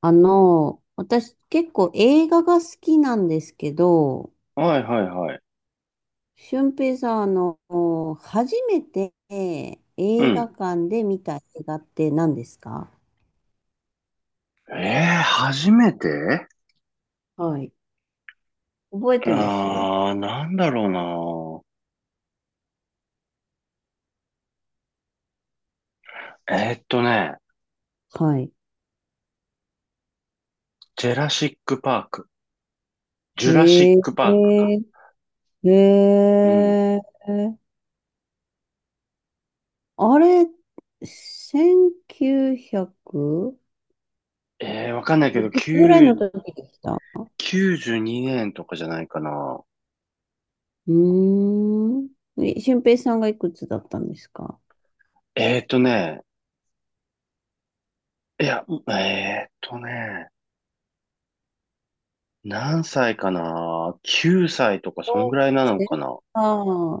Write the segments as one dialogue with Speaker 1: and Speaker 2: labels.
Speaker 1: 私結構映画が好きなんですけど、
Speaker 2: はいはいはい。
Speaker 1: 俊平さん、初めて
Speaker 2: う
Speaker 1: 映
Speaker 2: ん。
Speaker 1: 画館で見た映画って何ですか？
Speaker 2: 初めて
Speaker 1: はい。覚えてます？
Speaker 2: なんだろうな。
Speaker 1: はい。
Speaker 2: ジェラシックパーク。ジュラシ
Speaker 1: へ
Speaker 2: ッ
Speaker 1: え、
Speaker 2: クパークか。
Speaker 1: へ
Speaker 2: うん。
Speaker 1: え、あれ、1900
Speaker 2: わかんないけ
Speaker 1: い
Speaker 2: ど、
Speaker 1: くつぐらい
Speaker 2: 9、
Speaker 1: の時でした？
Speaker 2: 92年とかじゃないかな。
Speaker 1: うーん。俊平さんがいくつだったんですか？
Speaker 2: えーっとね、いや、えーっとね、何歳かな ?9 歳とか、そん
Speaker 1: 小
Speaker 2: ぐらいなの
Speaker 1: 学
Speaker 2: か
Speaker 1: 生。
Speaker 2: な。
Speaker 1: あ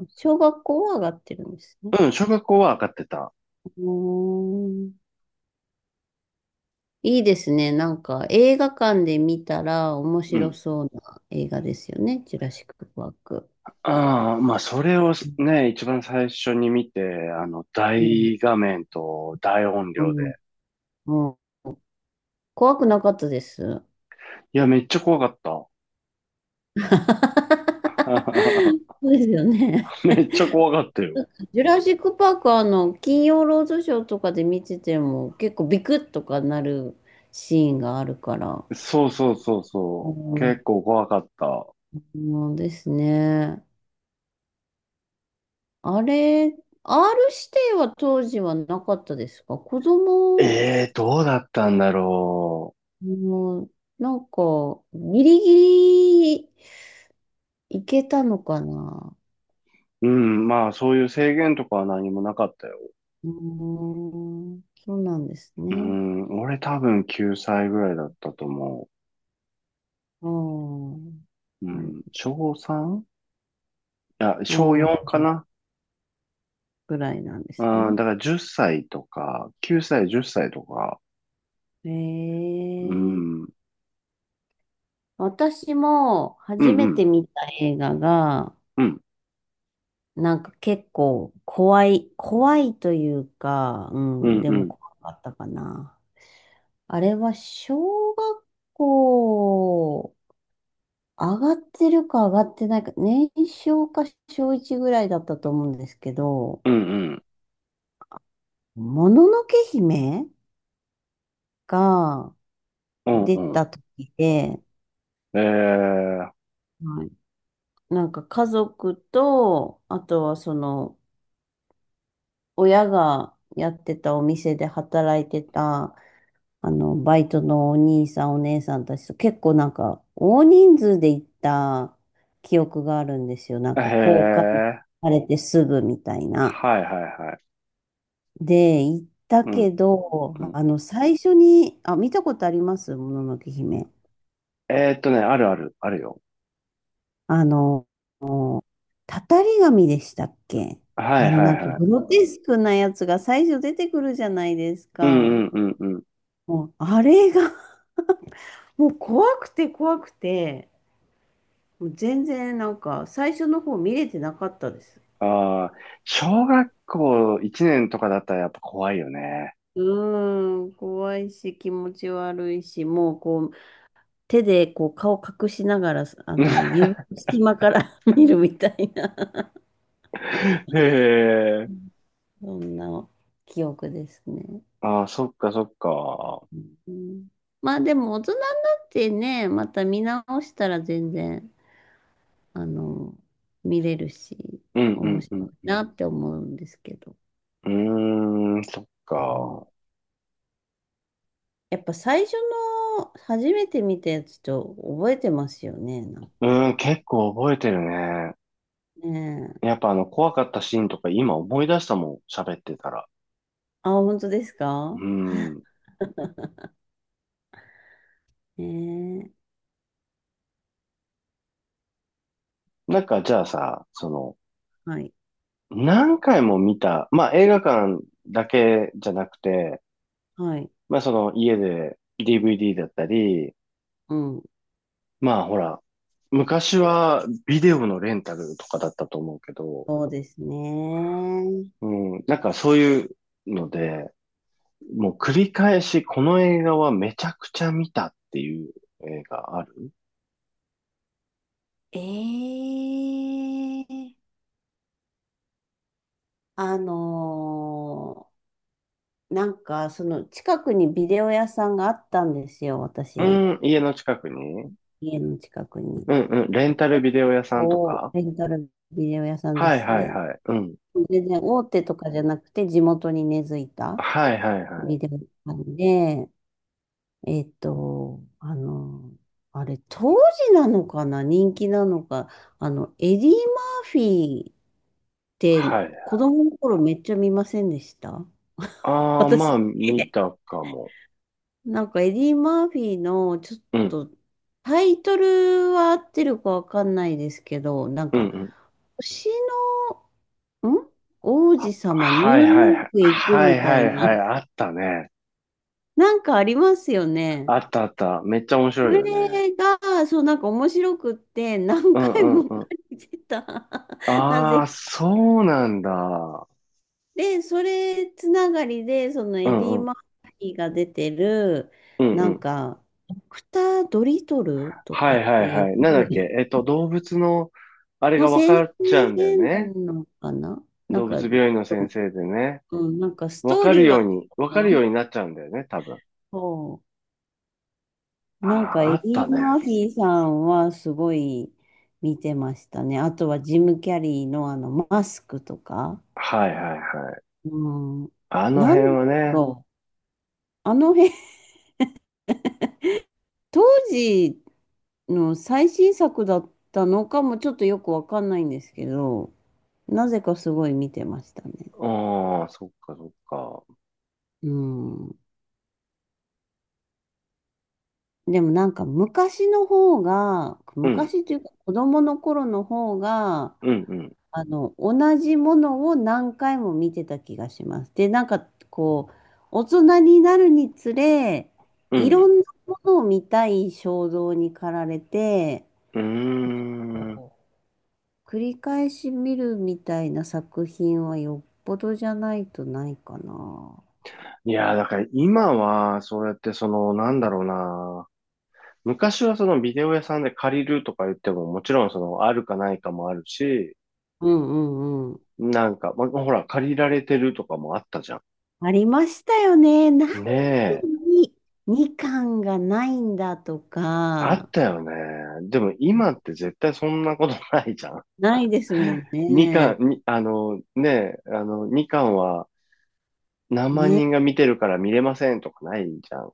Speaker 1: あ、小学校は上がってるんですね。
Speaker 2: うん、小学校は上がってた。
Speaker 1: うーん。いいですね。なんか映画館で見たら面
Speaker 2: う
Speaker 1: 白
Speaker 2: ん。
Speaker 1: そうな映画ですよね。ジュラシック・パーク。
Speaker 2: ああ、まあ、それを
Speaker 1: う
Speaker 2: ね、一番最初に見て、
Speaker 1: ん、
Speaker 2: 大画面と大音
Speaker 1: う
Speaker 2: 量で。
Speaker 1: ん、うん。怖くなかったです？
Speaker 2: いや、めっちゃ怖かっ
Speaker 1: そ
Speaker 2: た。
Speaker 1: うですよね。
Speaker 2: めっちゃ怖かったよ。
Speaker 1: ジュラシック・パークは金曜ロードショーとかで見てても結構ビクッとかなるシーンがあるから。
Speaker 2: そうそうそう
Speaker 1: う
Speaker 2: そう。
Speaker 1: ん、
Speaker 2: 結構怖かった。
Speaker 1: うんですね。あれ、R 指定は当時はなかったですか？子
Speaker 2: え
Speaker 1: 供、
Speaker 2: え、どうだったんだろ
Speaker 1: うん、なんか、ギリギリいけたのかな？
Speaker 2: う。うん、まあ、そういう制限とかは何もなかったよ。
Speaker 1: うーん、そうなんです
Speaker 2: う
Speaker 1: ね。
Speaker 2: ん、俺多分9歳ぐらいだったと思
Speaker 1: うん、
Speaker 2: う。う
Speaker 1: なる
Speaker 2: ん、小 3? いや、
Speaker 1: ほ
Speaker 2: 小
Speaker 1: ど。う
Speaker 2: 4
Speaker 1: ん、
Speaker 2: かな。
Speaker 1: ぐらいなんです
Speaker 2: うん、
Speaker 1: ね。
Speaker 2: だから10歳とか、9歳、10歳とか、
Speaker 1: へ
Speaker 2: うん、うん、
Speaker 1: え。私も
Speaker 2: う
Speaker 1: 初め
Speaker 2: ん、
Speaker 1: て見た映画が、
Speaker 2: うん、
Speaker 1: なんか結構怖い、怖いというか、う
Speaker 2: う
Speaker 1: ん、
Speaker 2: ん、
Speaker 1: で
Speaker 2: う
Speaker 1: も
Speaker 2: ん、
Speaker 1: 怖かったかな。あれは小学校上がってるか上がってないか、年少か小1ぐらいだったと思うんですけど、
Speaker 2: うん、うん、
Speaker 1: もののけ姫が
Speaker 2: うん、
Speaker 1: 出
Speaker 2: うん。
Speaker 1: た時で、
Speaker 2: え
Speaker 1: はい。なんか家族と、あとはその親がやってたお店で働いてたバイトのお兄さん、お姉さんたちと結構なんか、大人数で行った記憶があるんですよ。なん
Speaker 2: へ
Speaker 1: か、交換
Speaker 2: え、
Speaker 1: されてすぐみたいな。
Speaker 2: はい、はい、はい。
Speaker 1: で、行った
Speaker 2: う
Speaker 1: け
Speaker 2: ん、
Speaker 1: ど、
Speaker 2: うん。
Speaker 1: 最初に、あ、見たことあります？もののけ姫。
Speaker 2: あるある、あるよ。
Speaker 1: あの、たたり神でしたっけ？
Speaker 2: はい、はい、
Speaker 1: なんか、
Speaker 2: はい。
Speaker 1: グロテスクなやつが最初出てくるじゃないです
Speaker 2: うん、う
Speaker 1: か。
Speaker 2: ん、うん、うん。
Speaker 1: もう、あれがもう怖くて怖くて、もう全然なんか最初の方見れてなかったです。
Speaker 2: ああ、小学校1年とかだったらやっぱ怖いよね。
Speaker 1: うーん、怖いし気持ち悪いし、もうこう手でこう顔隠しながら、あの 指の隙間から 見るみたいな、
Speaker 2: へえ。
Speaker 1: そんな記憶ですね。
Speaker 2: ああ、そっかそっか。
Speaker 1: うん。まあでも大人になってね、また見直したら全然、あの、見れるし、
Speaker 2: うんう
Speaker 1: 面
Speaker 2: ん
Speaker 1: 白
Speaker 2: うん
Speaker 1: い
Speaker 2: う
Speaker 1: なって思うんですけど。
Speaker 2: ん。うーん、そっ
Speaker 1: うん。
Speaker 2: か。
Speaker 1: やっぱ最初の初めて見たやつと覚えてますよね、なん
Speaker 2: う
Speaker 1: か。
Speaker 2: ーん、結構覚えてるね。
Speaker 1: ねえ。
Speaker 2: やっぱ怖かったシーンとか今思い出したもん、喋ってたら。
Speaker 1: あ、本当です
Speaker 2: う
Speaker 1: か？
Speaker 2: ん。
Speaker 1: ねえ。
Speaker 2: なんかじゃあさ、
Speaker 1: はい。
Speaker 2: 何回も見た、まあ映画館だけじゃなくて、
Speaker 1: はい。
Speaker 2: まあその家で DVD だったり、
Speaker 1: うん。
Speaker 2: まあほら、昔はビデオのレンタルとかだったと思うけど、
Speaker 1: そうですね。
Speaker 2: うん、なんかそういうので、もう繰り返しこの映画はめちゃくちゃ見たっていう映画ある。
Speaker 1: ええ、あのなんかその近くにビデオ屋さんがあったんですよ、
Speaker 2: う
Speaker 1: 私。
Speaker 2: ん、家の近くに
Speaker 1: 家の近くに。
Speaker 2: うんうん。レンタル
Speaker 1: 結
Speaker 2: ビデオ屋さんと
Speaker 1: 構
Speaker 2: か
Speaker 1: レンタルビデオ屋さんで
Speaker 2: はい
Speaker 1: す
Speaker 2: はい
Speaker 1: ね。
Speaker 2: はい。うん。
Speaker 1: 全然大手とかじゃなくて地元に根付いた。
Speaker 2: はいはいは
Speaker 1: ビ
Speaker 2: い。
Speaker 1: デオ館で、えっと、あの、あれ、当時なのかな、人気なのか、エディ・マーフィーって
Speaker 2: はい。
Speaker 1: 子供の頃めっちゃ見ませんでした？
Speaker 2: ああ、ま
Speaker 1: 私、
Speaker 2: あ、見たかも。
Speaker 1: なんかエディ・マーフィーのちょっ
Speaker 2: うん。
Speaker 1: とタイトルは合ってるかわかんないですけど、なん
Speaker 2: うん
Speaker 1: か、
Speaker 2: うん。
Speaker 1: 星の、王子様ニュー
Speaker 2: はい
Speaker 1: ヨ
Speaker 2: はい
Speaker 1: ー
Speaker 2: はい。
Speaker 1: クへ行く
Speaker 2: はい
Speaker 1: みた
Speaker 2: は
Speaker 1: い
Speaker 2: い
Speaker 1: に、
Speaker 2: はい。あったね。
Speaker 1: なんかありますよね。
Speaker 2: あったあった。めっちゃ面
Speaker 1: そ
Speaker 2: 白い
Speaker 1: れ
Speaker 2: よね。
Speaker 1: が、そう、なんか面白くって、何
Speaker 2: うんう
Speaker 1: 回も
Speaker 2: んうん。
Speaker 1: 借りてた。なぜ
Speaker 2: ああ、
Speaker 1: か。
Speaker 2: そうなんだ。
Speaker 1: で、それつながりで、その
Speaker 2: う
Speaker 1: エデ
Speaker 2: ん
Speaker 1: ィ・
Speaker 2: うん。
Speaker 1: マーフィーが出てる、
Speaker 2: うんう
Speaker 1: なん
Speaker 2: ん。
Speaker 1: か、ドクター・ドリトルと
Speaker 2: は
Speaker 1: か
Speaker 2: い
Speaker 1: っ
Speaker 2: は
Speaker 1: て
Speaker 2: い
Speaker 1: い
Speaker 2: は
Speaker 1: う、
Speaker 2: い。なんだっけ。動物の、あれ
Speaker 1: の
Speaker 2: が分
Speaker 1: 先
Speaker 2: かっちゃうんだよ
Speaker 1: 生な
Speaker 2: ね。
Speaker 1: のかな、なん
Speaker 2: 動物
Speaker 1: か、
Speaker 2: 病院の先生でね。
Speaker 1: うん、なんかストーリーは、
Speaker 2: 分かるよう
Speaker 1: そ
Speaker 2: になっちゃうんだよね、多分。
Speaker 1: う。
Speaker 2: あ
Speaker 1: なんか
Speaker 2: あ、あ
Speaker 1: エデ
Speaker 2: った
Speaker 1: ィ・マ
Speaker 2: ね。
Speaker 1: ーフィーさんはすごい見てましたね。あとはジム・キャリーのあのマスクとか。
Speaker 2: はいはいはい。
Speaker 1: うん。
Speaker 2: あの
Speaker 1: な
Speaker 2: 辺
Speaker 1: んだ
Speaker 2: はね。
Speaker 1: ろう。あの辺、当時の最新作だったのかもちょっとよくわかんないんですけど、なぜかすごい見てましたね。
Speaker 2: ああ、そっかそっか。
Speaker 1: うん。でもなんか昔の方が、
Speaker 2: うん、
Speaker 1: 昔というか子供の頃の方が、
Speaker 2: うん、うん、
Speaker 1: 同じものを何回も見てた気がします。で、なんかこう、大人になるにつれ、
Speaker 2: う
Speaker 1: いろ
Speaker 2: ん。
Speaker 1: んなものを見たい衝動に駆られて、
Speaker 2: うーん。
Speaker 1: 繰り返し見るみたいな作品はよっぽどじゃないとないかな。
Speaker 2: いやー、だから今は、そうやってなんだろうな。昔はそのビデオ屋さんで借りるとか言っても、もちろんあるかないかもあるし、
Speaker 1: うんうんうん。
Speaker 2: なんか、ま、ほら、借りられてるとかもあったじゃ
Speaker 1: ありましたよね。なんで
Speaker 2: ん。ねえ。
Speaker 1: に2巻がないんだと
Speaker 2: あっ
Speaker 1: か、
Speaker 2: たよね。でも今って絶対そんなことないじゃん。
Speaker 1: ないですもん
Speaker 2: みかん、
Speaker 1: ね。
Speaker 2: み、あの、ねえ、あの、みかんは何万
Speaker 1: ね、
Speaker 2: 人が見てるから見れませんとかないじゃん。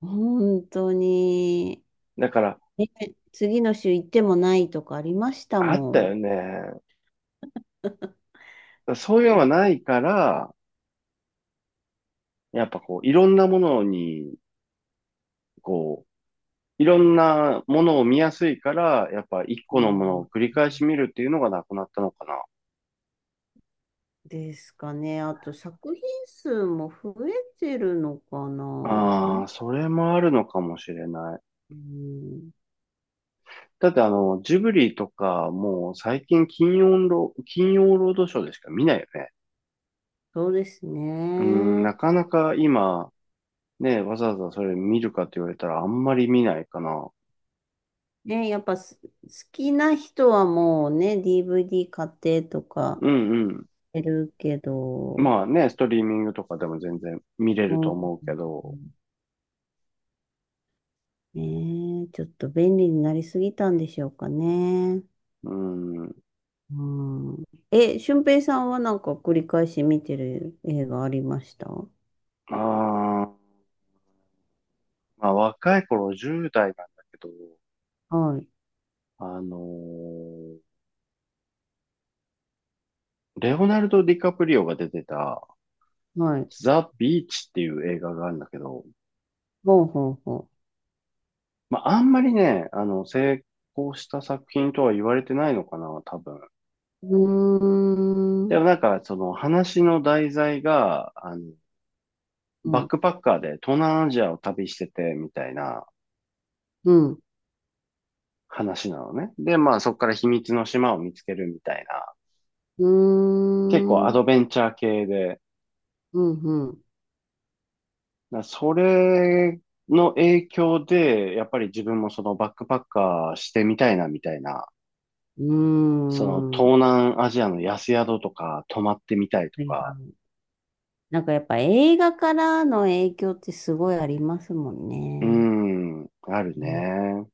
Speaker 1: 本当に。
Speaker 2: だから、
Speaker 1: ね、次の週行ってもないとかありました
Speaker 2: あった
Speaker 1: も
Speaker 2: よ
Speaker 1: ん。
Speaker 2: ね。そういうのがないから、やっぱこう、こう、いろんなものを見やすいから、やっぱ一
Speaker 1: う
Speaker 2: 個のもの
Speaker 1: ん
Speaker 2: を繰り返し見るっていうのがなくなったのか
Speaker 1: ですかね。あと作品数も増えてるのかな。
Speaker 2: な。
Speaker 1: ど
Speaker 2: あ
Speaker 1: う、
Speaker 2: あ、それもあるのかもしれない。
Speaker 1: うん、
Speaker 2: だってジブリとか、もう最近金曜ロードショーでしか見ないよね。
Speaker 1: そうです
Speaker 2: うん、
Speaker 1: ね。
Speaker 2: なかなか今、ね、わざわざそれ見るかって言われたらあんまり見ないかな。
Speaker 1: ね、やっぱす好きな人はもうね、DVD 買ってとか
Speaker 2: うんうん。
Speaker 1: やるけど、
Speaker 2: まあね、ストリーミングとかでも全然見れ
Speaker 1: う
Speaker 2: ると思うけ
Speaker 1: ん、
Speaker 2: ど、
Speaker 1: ねえ、ちょっと便利になりすぎたんでしょうかね。
Speaker 2: うん。
Speaker 1: うん。俊平さんはなんか繰り返し見てる映画ありました？は
Speaker 2: あーまあ、若い頃10代なんだけど、
Speaker 1: い。
Speaker 2: あのーレオナルド・ディカプリオが出てた、
Speaker 1: はい。
Speaker 2: ザ・ビーチっていう映画があるんだけど、
Speaker 1: ほうほうほ
Speaker 2: まあ、あんまりね、成功した作品とは言われてないのかな、多分。
Speaker 1: う。うー
Speaker 2: で
Speaker 1: ん。
Speaker 2: もなんか、その話の題材が、
Speaker 1: う
Speaker 2: バッ
Speaker 1: ん。
Speaker 2: クパッカーで東南アジアを旅しててみたいな
Speaker 1: うん。
Speaker 2: 話なのね。で、まあそこから秘密の島を見つけるみたいな、
Speaker 1: う
Speaker 2: 結構
Speaker 1: ー
Speaker 2: ア
Speaker 1: ん。
Speaker 2: ドベンチャー系で、
Speaker 1: うん。うん。
Speaker 2: それの影響で、やっぱり自分もそのバックパッカーしてみたいなみたいな、
Speaker 1: うー
Speaker 2: その
Speaker 1: ん。は
Speaker 2: 東南アジアの安宿とか泊まってみたいと
Speaker 1: いは
Speaker 2: か、
Speaker 1: い。なんかやっぱ映画からの影響ってすごいありますもん
Speaker 2: う
Speaker 1: ね。
Speaker 2: ん、あるね。